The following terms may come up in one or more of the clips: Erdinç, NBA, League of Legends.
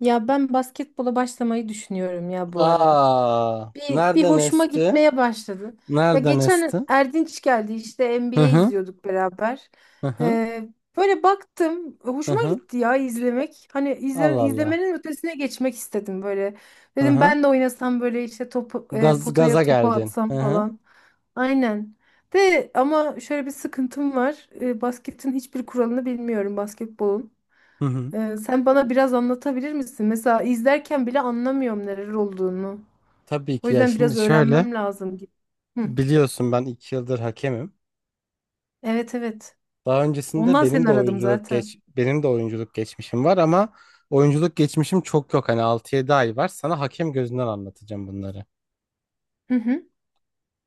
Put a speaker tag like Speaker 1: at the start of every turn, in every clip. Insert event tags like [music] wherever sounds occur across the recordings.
Speaker 1: Ya ben basketbola başlamayı düşünüyorum ya bu ara.
Speaker 2: Aa,
Speaker 1: Bir
Speaker 2: nereden
Speaker 1: hoşuma
Speaker 2: esti?
Speaker 1: gitmeye başladı. Ya
Speaker 2: Nereden
Speaker 1: geçen
Speaker 2: esti?
Speaker 1: Erdinç geldi işte
Speaker 2: Hı
Speaker 1: NBA
Speaker 2: hı,
Speaker 1: izliyorduk beraber.
Speaker 2: hı hı,
Speaker 1: Ee, böyle baktım
Speaker 2: hı
Speaker 1: hoşuma
Speaker 2: hı.
Speaker 1: gitti ya izlemek. Hani
Speaker 2: Allah Allah.
Speaker 1: izlemenin ötesine geçmek istedim böyle.
Speaker 2: Hı
Speaker 1: Dedim
Speaker 2: hı.
Speaker 1: ben de oynasam böyle işte topu,
Speaker 2: Gaz,
Speaker 1: potaya
Speaker 2: gaza
Speaker 1: topu
Speaker 2: geldin.
Speaker 1: atsam
Speaker 2: Hı hı,
Speaker 1: falan. Aynen. De ama şöyle bir sıkıntım var. Basketin hiçbir kuralını bilmiyorum basketbolun.
Speaker 2: hı hı.
Speaker 1: Sen bana biraz anlatabilir misin? Mesela izlerken bile anlamıyorum neler olduğunu.
Speaker 2: Tabii
Speaker 1: O
Speaker 2: ki ya
Speaker 1: yüzden
Speaker 2: şimdi
Speaker 1: biraz
Speaker 2: şöyle
Speaker 1: öğrenmem lazım gibi. Hı.
Speaker 2: biliyorsun ben iki yıldır hakemim.
Speaker 1: Evet evet.
Speaker 2: Daha öncesinde
Speaker 1: Ondan seni aradım zaten.
Speaker 2: benim de oyunculuk geçmişim var ama oyunculuk geçmişim çok yok. Hani 6-7 ay var. Sana hakem gözünden anlatacağım bunları.
Speaker 1: Hı hı.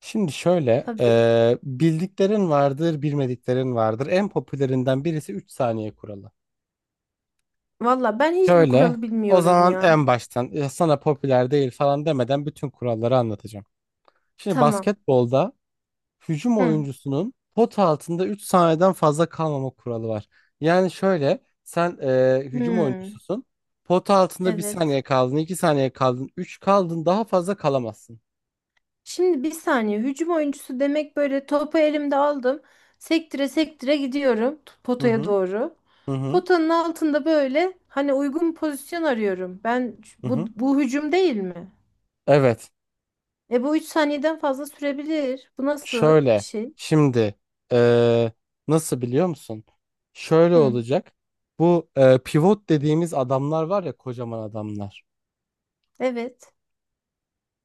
Speaker 2: Şimdi şöyle,
Speaker 1: Tabii.
Speaker 2: bildiklerin vardır, bilmediklerin vardır. En popülerinden birisi 3 saniye kuralı.
Speaker 1: Valla ben hiçbir
Speaker 2: Şöyle,
Speaker 1: kuralı
Speaker 2: o
Speaker 1: bilmiyorum
Speaker 2: zaman en
Speaker 1: ya.
Speaker 2: baştan "Ya sana popüler değil falan demeden bütün kuralları anlatacağım. Şimdi
Speaker 1: Tamam.
Speaker 2: basketbolda hücum
Speaker 1: Hı.
Speaker 2: oyuncusunun pot altında 3 saniyeden fazla kalmama kuralı var. Yani şöyle, sen hücum
Speaker 1: Hı.
Speaker 2: oyuncususun. Pot altında bir
Speaker 1: Evet.
Speaker 2: saniye kaldın, 2 saniye kaldın, 3 kaldın daha fazla kalamazsın.
Speaker 1: Şimdi bir saniye. Hücum oyuncusu demek böyle topu elimde aldım. Sektire sektire gidiyorum
Speaker 2: Hı
Speaker 1: potaya
Speaker 2: hı,
Speaker 1: doğru.
Speaker 2: hı hı,
Speaker 1: Potanın altında böyle hani uygun pozisyon arıyorum. Ben
Speaker 2: hı
Speaker 1: bu
Speaker 2: hı.
Speaker 1: bu hücum değil mi?
Speaker 2: Evet.
Speaker 1: Bu 3 saniyeden fazla sürebilir. Bu nasıl bir
Speaker 2: Şöyle
Speaker 1: şey?
Speaker 2: şimdi eee, nasıl biliyor musun? Şöyle
Speaker 1: Hı,
Speaker 2: olacak. Bu pivot dediğimiz adamlar var ya kocaman adamlar.
Speaker 1: evet.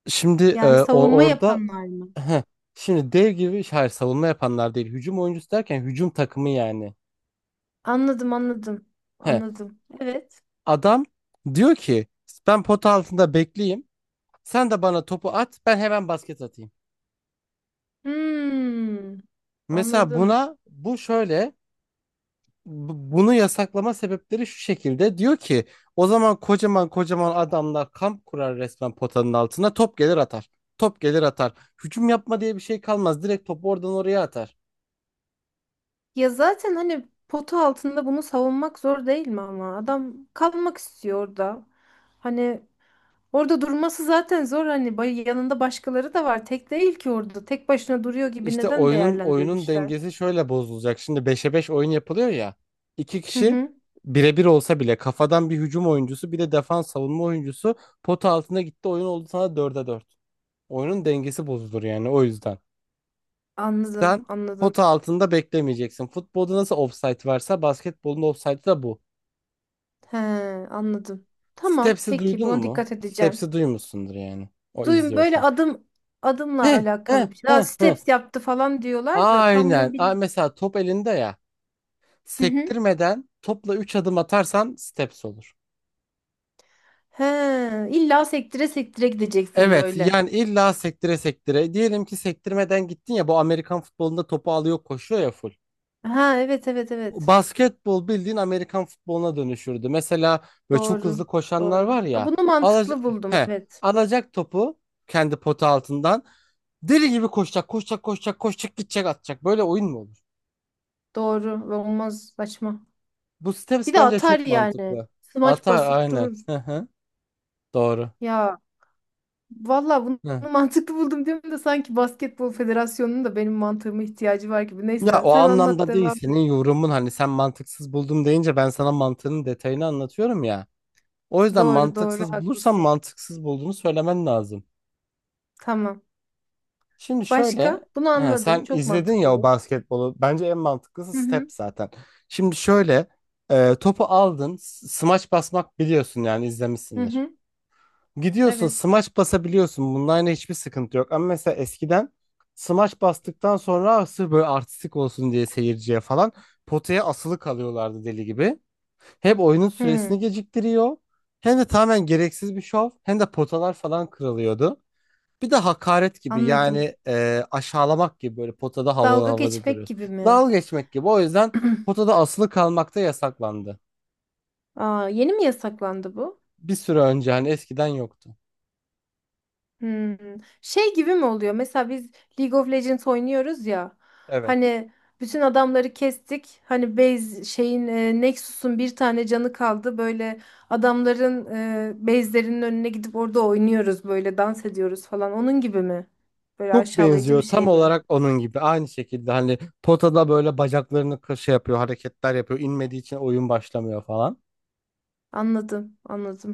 Speaker 2: Şimdi
Speaker 1: Yani
Speaker 2: o
Speaker 1: savunma
Speaker 2: orada
Speaker 1: yapanlar mı?
Speaker 2: heh, şimdi dev gibi hayır savunma yapanlar değil. Hücum oyuncusu derken hücum takımı yani.
Speaker 1: Anladım, anladım.
Speaker 2: Heh,
Speaker 1: Anladım. Evet.
Speaker 2: adam diyor ki ben pot altında bekleyeyim. Sen de bana topu at ben hemen basket atayım.
Speaker 1: Hmm,
Speaker 2: Mesela
Speaker 1: anladım.
Speaker 2: buna bu şöyle bunu yasaklama sebepleri şu şekilde. Diyor ki o zaman kocaman kocaman adamlar kamp kurar resmen potanın altına top gelir atar. Top gelir atar. Hücum yapma diye bir şey kalmaz. Direkt topu oradan oraya atar.
Speaker 1: Ya zaten hani potu altında bunu savunmak zor değil mi ama? Adam kalmak istiyor orada. Hani orada durması zaten zor. Hani yanında başkaları da var. Tek değil ki orada. Tek başına duruyor gibi
Speaker 2: İşte
Speaker 1: neden
Speaker 2: oyunun
Speaker 1: değerlendirmişler?
Speaker 2: dengesi şöyle bozulacak. Şimdi 5'e 5 oyun yapılıyor ya. İki
Speaker 1: Hı
Speaker 2: kişi
Speaker 1: hı.
Speaker 2: birebir olsa bile kafadan bir hücum oyuncusu bir de defans savunma oyuncusu pota altına gitti oyun oldu sana 4'e 4. Oyunun dengesi bozulur yani o yüzden.
Speaker 1: Anladım,
Speaker 2: Sen
Speaker 1: anladım.
Speaker 2: pota altında beklemeyeceksin. Futbolda nasıl offside varsa basketbolun offside'ı da bu.
Speaker 1: He, anladım. Tamam,
Speaker 2: Steps'i
Speaker 1: peki
Speaker 2: duydun
Speaker 1: buna
Speaker 2: mu?
Speaker 1: dikkat edeceğim.
Speaker 2: Steps'i duymuşsundur yani. O
Speaker 1: Duyun böyle
Speaker 2: izliyorsa.
Speaker 1: adım adımla
Speaker 2: He he
Speaker 1: alakalı bir şey. Daha
Speaker 2: he he.
Speaker 1: steps yaptı falan diyorlar da tam
Speaker 2: Aynen.
Speaker 1: ne
Speaker 2: Aa,
Speaker 1: bilmiyorum.
Speaker 2: mesela top elinde ya.
Speaker 1: Hı hı.
Speaker 2: Sektirmeden topla 3 adım atarsan steps olur.
Speaker 1: He, illa sektire sektire gideceksin
Speaker 2: Evet
Speaker 1: böyle.
Speaker 2: yani illa sektire sektire. Diyelim ki sektirmeden gittin ya bu Amerikan futbolunda topu alıyor koşuyor ya full.
Speaker 1: Ha, evet evet evet.
Speaker 2: Basketbol bildiğin Amerikan futboluna dönüşürdü. Mesela böyle çok
Speaker 1: Doğru.
Speaker 2: hızlı koşanlar
Speaker 1: Doğru.
Speaker 2: var
Speaker 1: Ha,
Speaker 2: ya.
Speaker 1: bunu
Speaker 2: Alacak,
Speaker 1: mantıklı buldum,
Speaker 2: he,
Speaker 1: evet.
Speaker 2: alacak topu kendi pota altından. Deli gibi koşacak, koşacak, koşacak, koşacak, gidecek, atacak. Böyle oyun mu olur?
Speaker 1: Doğru ve olmaz, saçma.
Speaker 2: Bu
Speaker 1: Bir
Speaker 2: steps
Speaker 1: de
Speaker 2: bence
Speaker 1: atar
Speaker 2: çok
Speaker 1: yani.
Speaker 2: mantıklı.
Speaker 1: Smaç
Speaker 2: Atar
Speaker 1: basıp
Speaker 2: aynen.
Speaker 1: durur.
Speaker 2: Hı hı. Doğru.
Speaker 1: Ya, valla bunu
Speaker 2: Hı.
Speaker 1: [laughs] mantıklı buldum diyorum da sanki Basketbol Federasyonu'nun da benim mantığıma ihtiyacı var gibi.
Speaker 2: Ya
Speaker 1: Neyse
Speaker 2: o
Speaker 1: sen anlat,
Speaker 2: anlamda değil
Speaker 1: devam et.
Speaker 2: senin yorumun hani sen mantıksız buldum deyince ben sana mantığının detayını anlatıyorum ya. O yüzden
Speaker 1: Doğru doğru,
Speaker 2: mantıksız bulursan
Speaker 1: haklısın.
Speaker 2: mantıksız bulduğunu söylemen lazım.
Speaker 1: Tamam.
Speaker 2: Şimdi şöyle,
Speaker 1: Başka? Bunu
Speaker 2: he,
Speaker 1: anladım.
Speaker 2: sen
Speaker 1: Çok
Speaker 2: izledin ya
Speaker 1: mantıklı
Speaker 2: o
Speaker 1: bu.
Speaker 2: basketbolu. Bence en mantıklısı
Speaker 1: Hı
Speaker 2: step
Speaker 1: hı.
Speaker 2: zaten. Şimdi şöyle, topu aldın, smaç basmak biliyorsun yani
Speaker 1: Hı
Speaker 2: izlemişsindir.
Speaker 1: hı.
Speaker 2: Gidiyorsun,
Speaker 1: Evet.
Speaker 2: smaç basabiliyorsun. Bununla aynı hiçbir sıkıntı yok. Ama mesela eskiden smaç bastıktan sonra "Ah, sırf böyle artistik olsun diye seyirciye falan potaya asılı kalıyorlardı deli gibi. Hem oyunun
Speaker 1: Hı.
Speaker 2: süresini geciktiriyor, hem de tamamen gereksiz bir şov, hem de potalar falan kırılıyordu. Bir de hakaret gibi
Speaker 1: Anladım.
Speaker 2: yani aşağılamak gibi böyle potada havalı
Speaker 1: Dalga
Speaker 2: havada
Speaker 1: geçmek
Speaker 2: duruyorsun.
Speaker 1: gibi mi?
Speaker 2: Dalga geçmek gibi. O yüzden potada asılı kalmak da yasaklandı.
Speaker 1: Aa, yeni mi yasaklandı bu?
Speaker 2: Bir süre önce hani eskiden yoktu.
Speaker 1: Hmm. Şey gibi mi oluyor? Mesela biz League of Legends oynuyoruz ya.
Speaker 2: Evet.
Speaker 1: Hani bütün adamları kestik. Hani base şeyin Nexus'un bir tane canı kaldı. Böyle adamların base'lerinin önüne gidip orada oynuyoruz, böyle dans ediyoruz falan. Onun gibi mi? Böyle
Speaker 2: Çok
Speaker 1: aşağılayıcı bir
Speaker 2: benziyor tam
Speaker 1: şey mi?
Speaker 2: olarak onun gibi. Aynı şekilde hani potada böyle bacaklarını şey yapıyor, hareketler yapıyor. İnmediği için oyun başlamıyor falan.
Speaker 1: Anladım,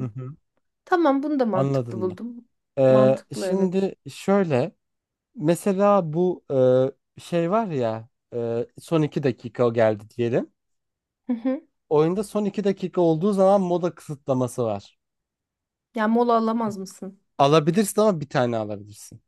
Speaker 2: Hı hı.
Speaker 1: Tamam, bunu da
Speaker 2: Anladın
Speaker 1: mantıklı
Speaker 2: mı?
Speaker 1: buldum.
Speaker 2: Ee,
Speaker 1: Mantıklı, evet.
Speaker 2: şimdi şöyle mesela bu şey var ya son iki dakika o geldi diyelim.
Speaker 1: Hı hı.
Speaker 2: Oyunda son 2 dakika olduğu zaman moda kısıtlaması var.
Speaker 1: Ya mola alamaz mısın?
Speaker 2: Alabilirsin ama bir tane alabilirsin.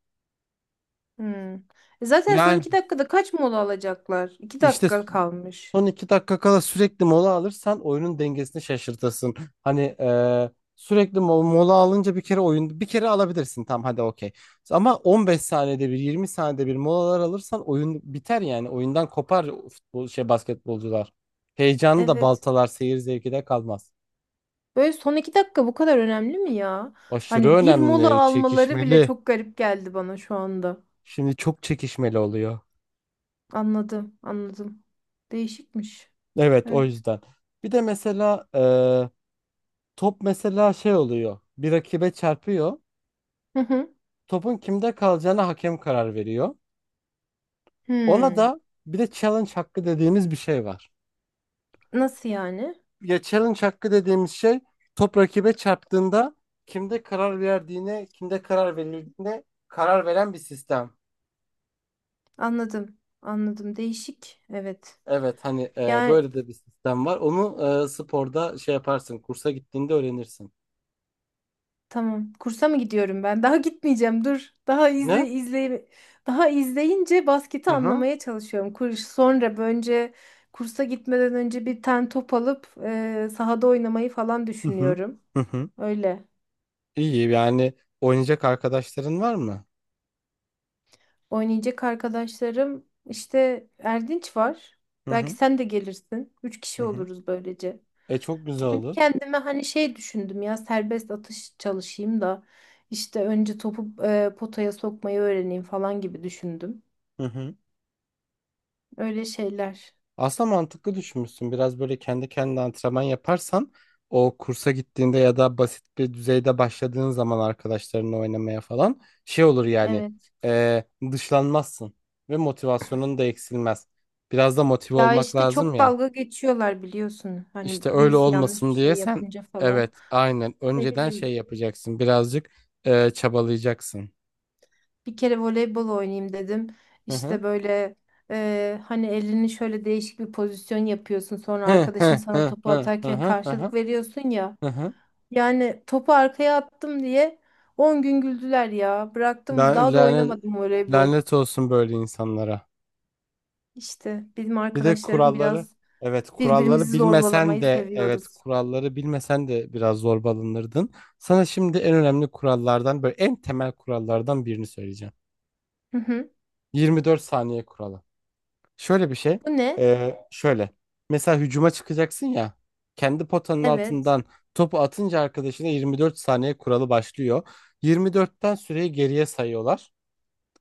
Speaker 1: Hmm. Zaten son
Speaker 2: Yani
Speaker 1: 2 dakikada kaç mola alacaklar? iki
Speaker 2: işte
Speaker 1: dakika kalmış.
Speaker 2: son 2 dakika kala sürekli mola alırsan oyunun dengesini şaşırtırsın. Hani sürekli mola alınca bir kere oyun bir kere alabilirsin tam hadi okey. Ama 15 saniyede bir 20 saniyede bir molalar alırsan oyun biter yani oyundan kopar futbol şey basketbolcular. Heyecanı da
Speaker 1: Evet.
Speaker 2: baltalar seyir zevki de kalmaz.
Speaker 1: Böyle son 2 dakika bu kadar önemli mi ya?
Speaker 2: Aşırı
Speaker 1: Hani bir mola
Speaker 2: önemli,
Speaker 1: almaları bile
Speaker 2: çekişmeli.
Speaker 1: çok garip geldi bana şu anda.
Speaker 2: Şimdi çok çekişmeli oluyor.
Speaker 1: Anladım, anladım. Değişikmiş.
Speaker 2: Evet o
Speaker 1: Evet.
Speaker 2: yüzden. Bir de mesela top mesela şey oluyor. Bir rakibe çarpıyor.
Speaker 1: Hı hı.
Speaker 2: Topun kimde kalacağına hakem karar veriyor. Ona
Speaker 1: Hmm.
Speaker 2: da bir de challenge hakkı dediğimiz bir şey var.
Speaker 1: Nasıl yani?
Speaker 2: Ya challenge hakkı dediğimiz şey top rakibe çarptığında kimde karar verdiğine, kimde karar verildiğine karar veren bir sistem.
Speaker 1: Anladım, anladım. Değişik. Evet.
Speaker 2: Evet hani
Speaker 1: Yani
Speaker 2: böyle de bir sistem var. Onu sporda şey yaparsın, kursa gittiğinde öğrenirsin.
Speaker 1: tamam. Kursa mı gidiyorum ben? [laughs] Daha gitmeyeceğim. Dur. Daha
Speaker 2: Ne?
Speaker 1: izle izle, daha izleyince basketi
Speaker 2: Hı hı.
Speaker 1: anlamaya çalışıyorum. Kursa gitmeden önce bir ten top alıp sahada oynamayı falan
Speaker 2: Hı hı.
Speaker 1: düşünüyorum.
Speaker 2: Hı hı.
Speaker 1: Öyle.
Speaker 2: İyi yani oynayacak arkadaşların var mı?
Speaker 1: Oynayacak arkadaşlarım işte Erdinç var.
Speaker 2: Hı
Speaker 1: Belki
Speaker 2: hı.
Speaker 1: sen de gelirsin. Üç
Speaker 2: Hı
Speaker 1: kişi
Speaker 2: hı.
Speaker 1: oluruz böylece.
Speaker 2: E çok güzel
Speaker 1: Kendi
Speaker 2: olur.
Speaker 1: kendime hani şey düşündüm ya, serbest atış çalışayım da işte önce topu potaya sokmayı öğreneyim falan gibi düşündüm.
Speaker 2: Hı hı.
Speaker 1: Öyle şeyler.
Speaker 2: Aslında mantıklı düşünmüşsün. Biraz böyle kendi kendine antrenman yaparsan o kursa gittiğinde ya da basit bir düzeyde başladığın zaman arkadaşlarınla oynamaya falan şey olur yani
Speaker 1: Evet.
Speaker 2: e, dışlanmazsın ve motivasyonun da eksilmez. Biraz da motive
Speaker 1: Ya
Speaker 2: olmak
Speaker 1: işte
Speaker 2: lazım
Speaker 1: çok
Speaker 2: ya.
Speaker 1: dalga geçiyorlar biliyorsun. Hani
Speaker 2: İşte öyle
Speaker 1: birisi yanlış bir
Speaker 2: olmasın diye
Speaker 1: şey
Speaker 2: sen
Speaker 1: yapınca falan.
Speaker 2: evet aynen
Speaker 1: Ne
Speaker 2: önceden şey
Speaker 1: bileyim,
Speaker 2: yapacaksın birazcık çabalayacaksın.
Speaker 1: bir kere voleybol oynayayım dedim.
Speaker 2: Hı hı.
Speaker 1: İşte böyle hani elini şöyle değişik bir pozisyon yapıyorsun. Sonra
Speaker 2: Hı
Speaker 1: arkadaşın
Speaker 2: hı
Speaker 1: sana
Speaker 2: hı hı
Speaker 1: topu
Speaker 2: hı hı
Speaker 1: atarken
Speaker 2: hı
Speaker 1: karşılık veriyorsun ya.
Speaker 2: hı hı.
Speaker 1: Yani topu arkaya attım diye 10 gün güldüler ya. Bıraktım,
Speaker 2: Lan-
Speaker 1: daha da
Speaker 2: Lanet,
Speaker 1: oynamadım voleybol.
Speaker 2: lanet olsun böyle insanlara.
Speaker 1: İşte bizim
Speaker 2: Bir de
Speaker 1: arkadaşlarım
Speaker 2: kuralları
Speaker 1: biraz
Speaker 2: evet kuralları
Speaker 1: birbirimizi
Speaker 2: bilmesen
Speaker 1: zorbalamayı
Speaker 2: de evet
Speaker 1: seviyoruz.
Speaker 2: kuralları bilmesen de biraz zorbalanırdın. Sana şimdi en önemli kurallardan böyle en temel kurallardan birini söyleyeceğim.
Speaker 1: Hı hı.
Speaker 2: 24 saniye kuralı. Şöyle bir şey.
Speaker 1: Bu ne?
Speaker 2: Şöyle. Mesela hücuma çıkacaksın ya. Kendi potanın
Speaker 1: Evet.
Speaker 2: altından topu atınca arkadaşına 24 saniye kuralı başlıyor. 24'ten süreyi geriye sayıyorlar.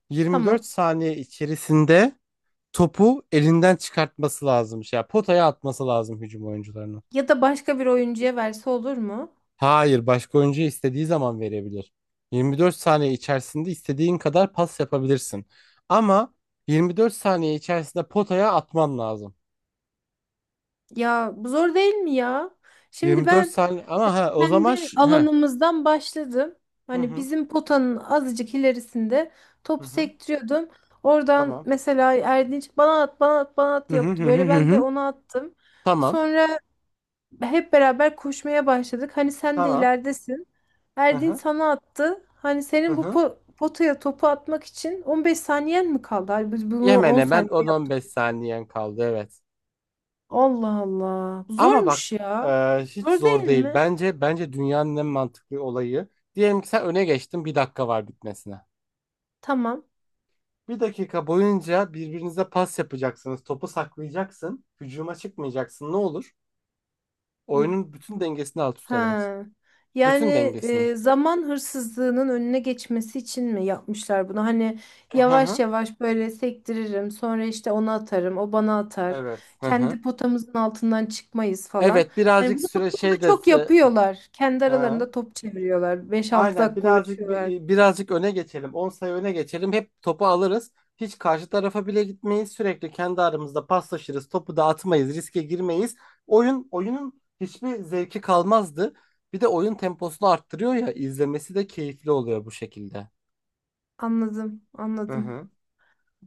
Speaker 2: 24
Speaker 1: Tamam.
Speaker 2: saniye içerisinde topu elinden çıkartması lazımmış. Ya potaya atması lazım hücum oyuncularının.
Speaker 1: Ya da başka bir oyuncuya verse olur mu?
Speaker 2: Hayır, başka oyuncu istediği zaman verebilir. 24 saniye içerisinde istediğin kadar pas yapabilirsin. Ama 24 saniye içerisinde potaya atman lazım.
Speaker 1: Ya bu zor değil mi ya? Şimdi
Speaker 2: 24
Speaker 1: ben
Speaker 2: saniye ama ha o zaman
Speaker 1: kendi
Speaker 2: ha.
Speaker 1: alanımızdan başladım.
Speaker 2: Hı
Speaker 1: Hani
Speaker 2: hı
Speaker 1: bizim potanın azıcık ilerisinde
Speaker 2: hı
Speaker 1: topu
Speaker 2: hı.
Speaker 1: sektiriyordum. Oradan
Speaker 2: Tamam.
Speaker 1: mesela Erdinç bana at bana at bana at
Speaker 2: Hı hı hı
Speaker 1: yaptı.
Speaker 2: hı
Speaker 1: Böyle
Speaker 2: hı.
Speaker 1: ben de
Speaker 2: Hı.
Speaker 1: ona attım.
Speaker 2: Tamam.
Speaker 1: Sonra hep beraber koşmaya başladık. Hani sen de
Speaker 2: Tamam.
Speaker 1: ileridesin.
Speaker 2: Hı
Speaker 1: Erdin
Speaker 2: hı
Speaker 1: sana attı. Hani
Speaker 2: hı
Speaker 1: senin bu
Speaker 2: hı.
Speaker 1: potaya topu atmak için 15 saniyen mi kaldı? Hani biz bunu
Speaker 2: Hemen
Speaker 1: 10
Speaker 2: hemen
Speaker 1: saniyede yaptık.
Speaker 2: 10-15 saniyen kaldı evet.
Speaker 1: Allah Allah.
Speaker 2: Ama
Speaker 1: Zormuş
Speaker 2: bak e,
Speaker 1: ya.
Speaker 2: hiç
Speaker 1: Zor değil
Speaker 2: zor değil.
Speaker 1: mi?
Speaker 2: Bence dünyanın en mantıklı olayı. Diyelim ki sen öne geçtin bir dakika var bitmesine.
Speaker 1: Tamam.
Speaker 2: Bir dakika boyunca birbirinize pas yapacaksınız. Topu saklayacaksın. Hücuma çıkmayacaksın. Ne olur? Oyunun bütün dengesini alt üst edersin.
Speaker 1: Ha. Yani
Speaker 2: Bütün dengesini.
Speaker 1: zaman hırsızlığının önüne geçmesi için mi yapmışlar bunu? Hani
Speaker 2: Hı
Speaker 1: yavaş
Speaker 2: hı.
Speaker 1: yavaş böyle sektiririm, sonra işte ona atarım, o bana atar.
Speaker 2: Evet. Hı hı.
Speaker 1: Kendi potamızın altından çıkmayız falan.
Speaker 2: Evet
Speaker 1: Hani
Speaker 2: birazcık
Speaker 1: bunu
Speaker 2: süre şey
Speaker 1: futbolda
Speaker 2: de...
Speaker 1: çok yapıyorlar. Kendi
Speaker 2: e,
Speaker 1: aralarında
Speaker 2: hı.
Speaker 1: top çeviriyorlar. beş altı
Speaker 2: Aynen
Speaker 1: dakika
Speaker 2: birazcık
Speaker 1: uğraşıyorlar.
Speaker 2: birazcık öne geçelim. 10 sayı öne geçelim. Hep topu alırız. Hiç karşı tarafa bile gitmeyiz. Sürekli kendi aramızda paslaşırız. Topu dağıtmayız. Riske girmeyiz. Oyunun hiçbir zevki kalmazdı. Bir de oyun temposunu arttırıyor ya izlemesi de keyifli oluyor bu şekilde.
Speaker 1: Anladım,
Speaker 2: Hı
Speaker 1: anladım.
Speaker 2: hı.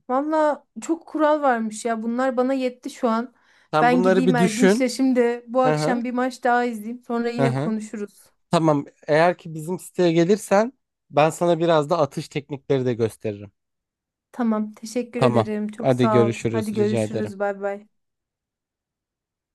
Speaker 1: Valla çok kural varmış ya. Bunlar bana yetti şu an.
Speaker 2: Sen
Speaker 1: Ben
Speaker 2: bunları
Speaker 1: gideyim
Speaker 2: bir düşün.
Speaker 1: Erdinç'le şimdi bu
Speaker 2: Hı hı.
Speaker 1: akşam bir maç daha izleyeyim. Sonra
Speaker 2: Hı
Speaker 1: yine
Speaker 2: hı.
Speaker 1: konuşuruz.
Speaker 2: Tamam. Eğer ki bizim siteye gelirsen ben sana biraz da atış teknikleri de gösteririm.
Speaker 1: Tamam, teşekkür
Speaker 2: Tamam.
Speaker 1: ederim. Çok
Speaker 2: Hadi
Speaker 1: sağ ol.
Speaker 2: görüşürüz.
Speaker 1: Hadi
Speaker 2: Rica ederim.
Speaker 1: görüşürüz. Bay bay.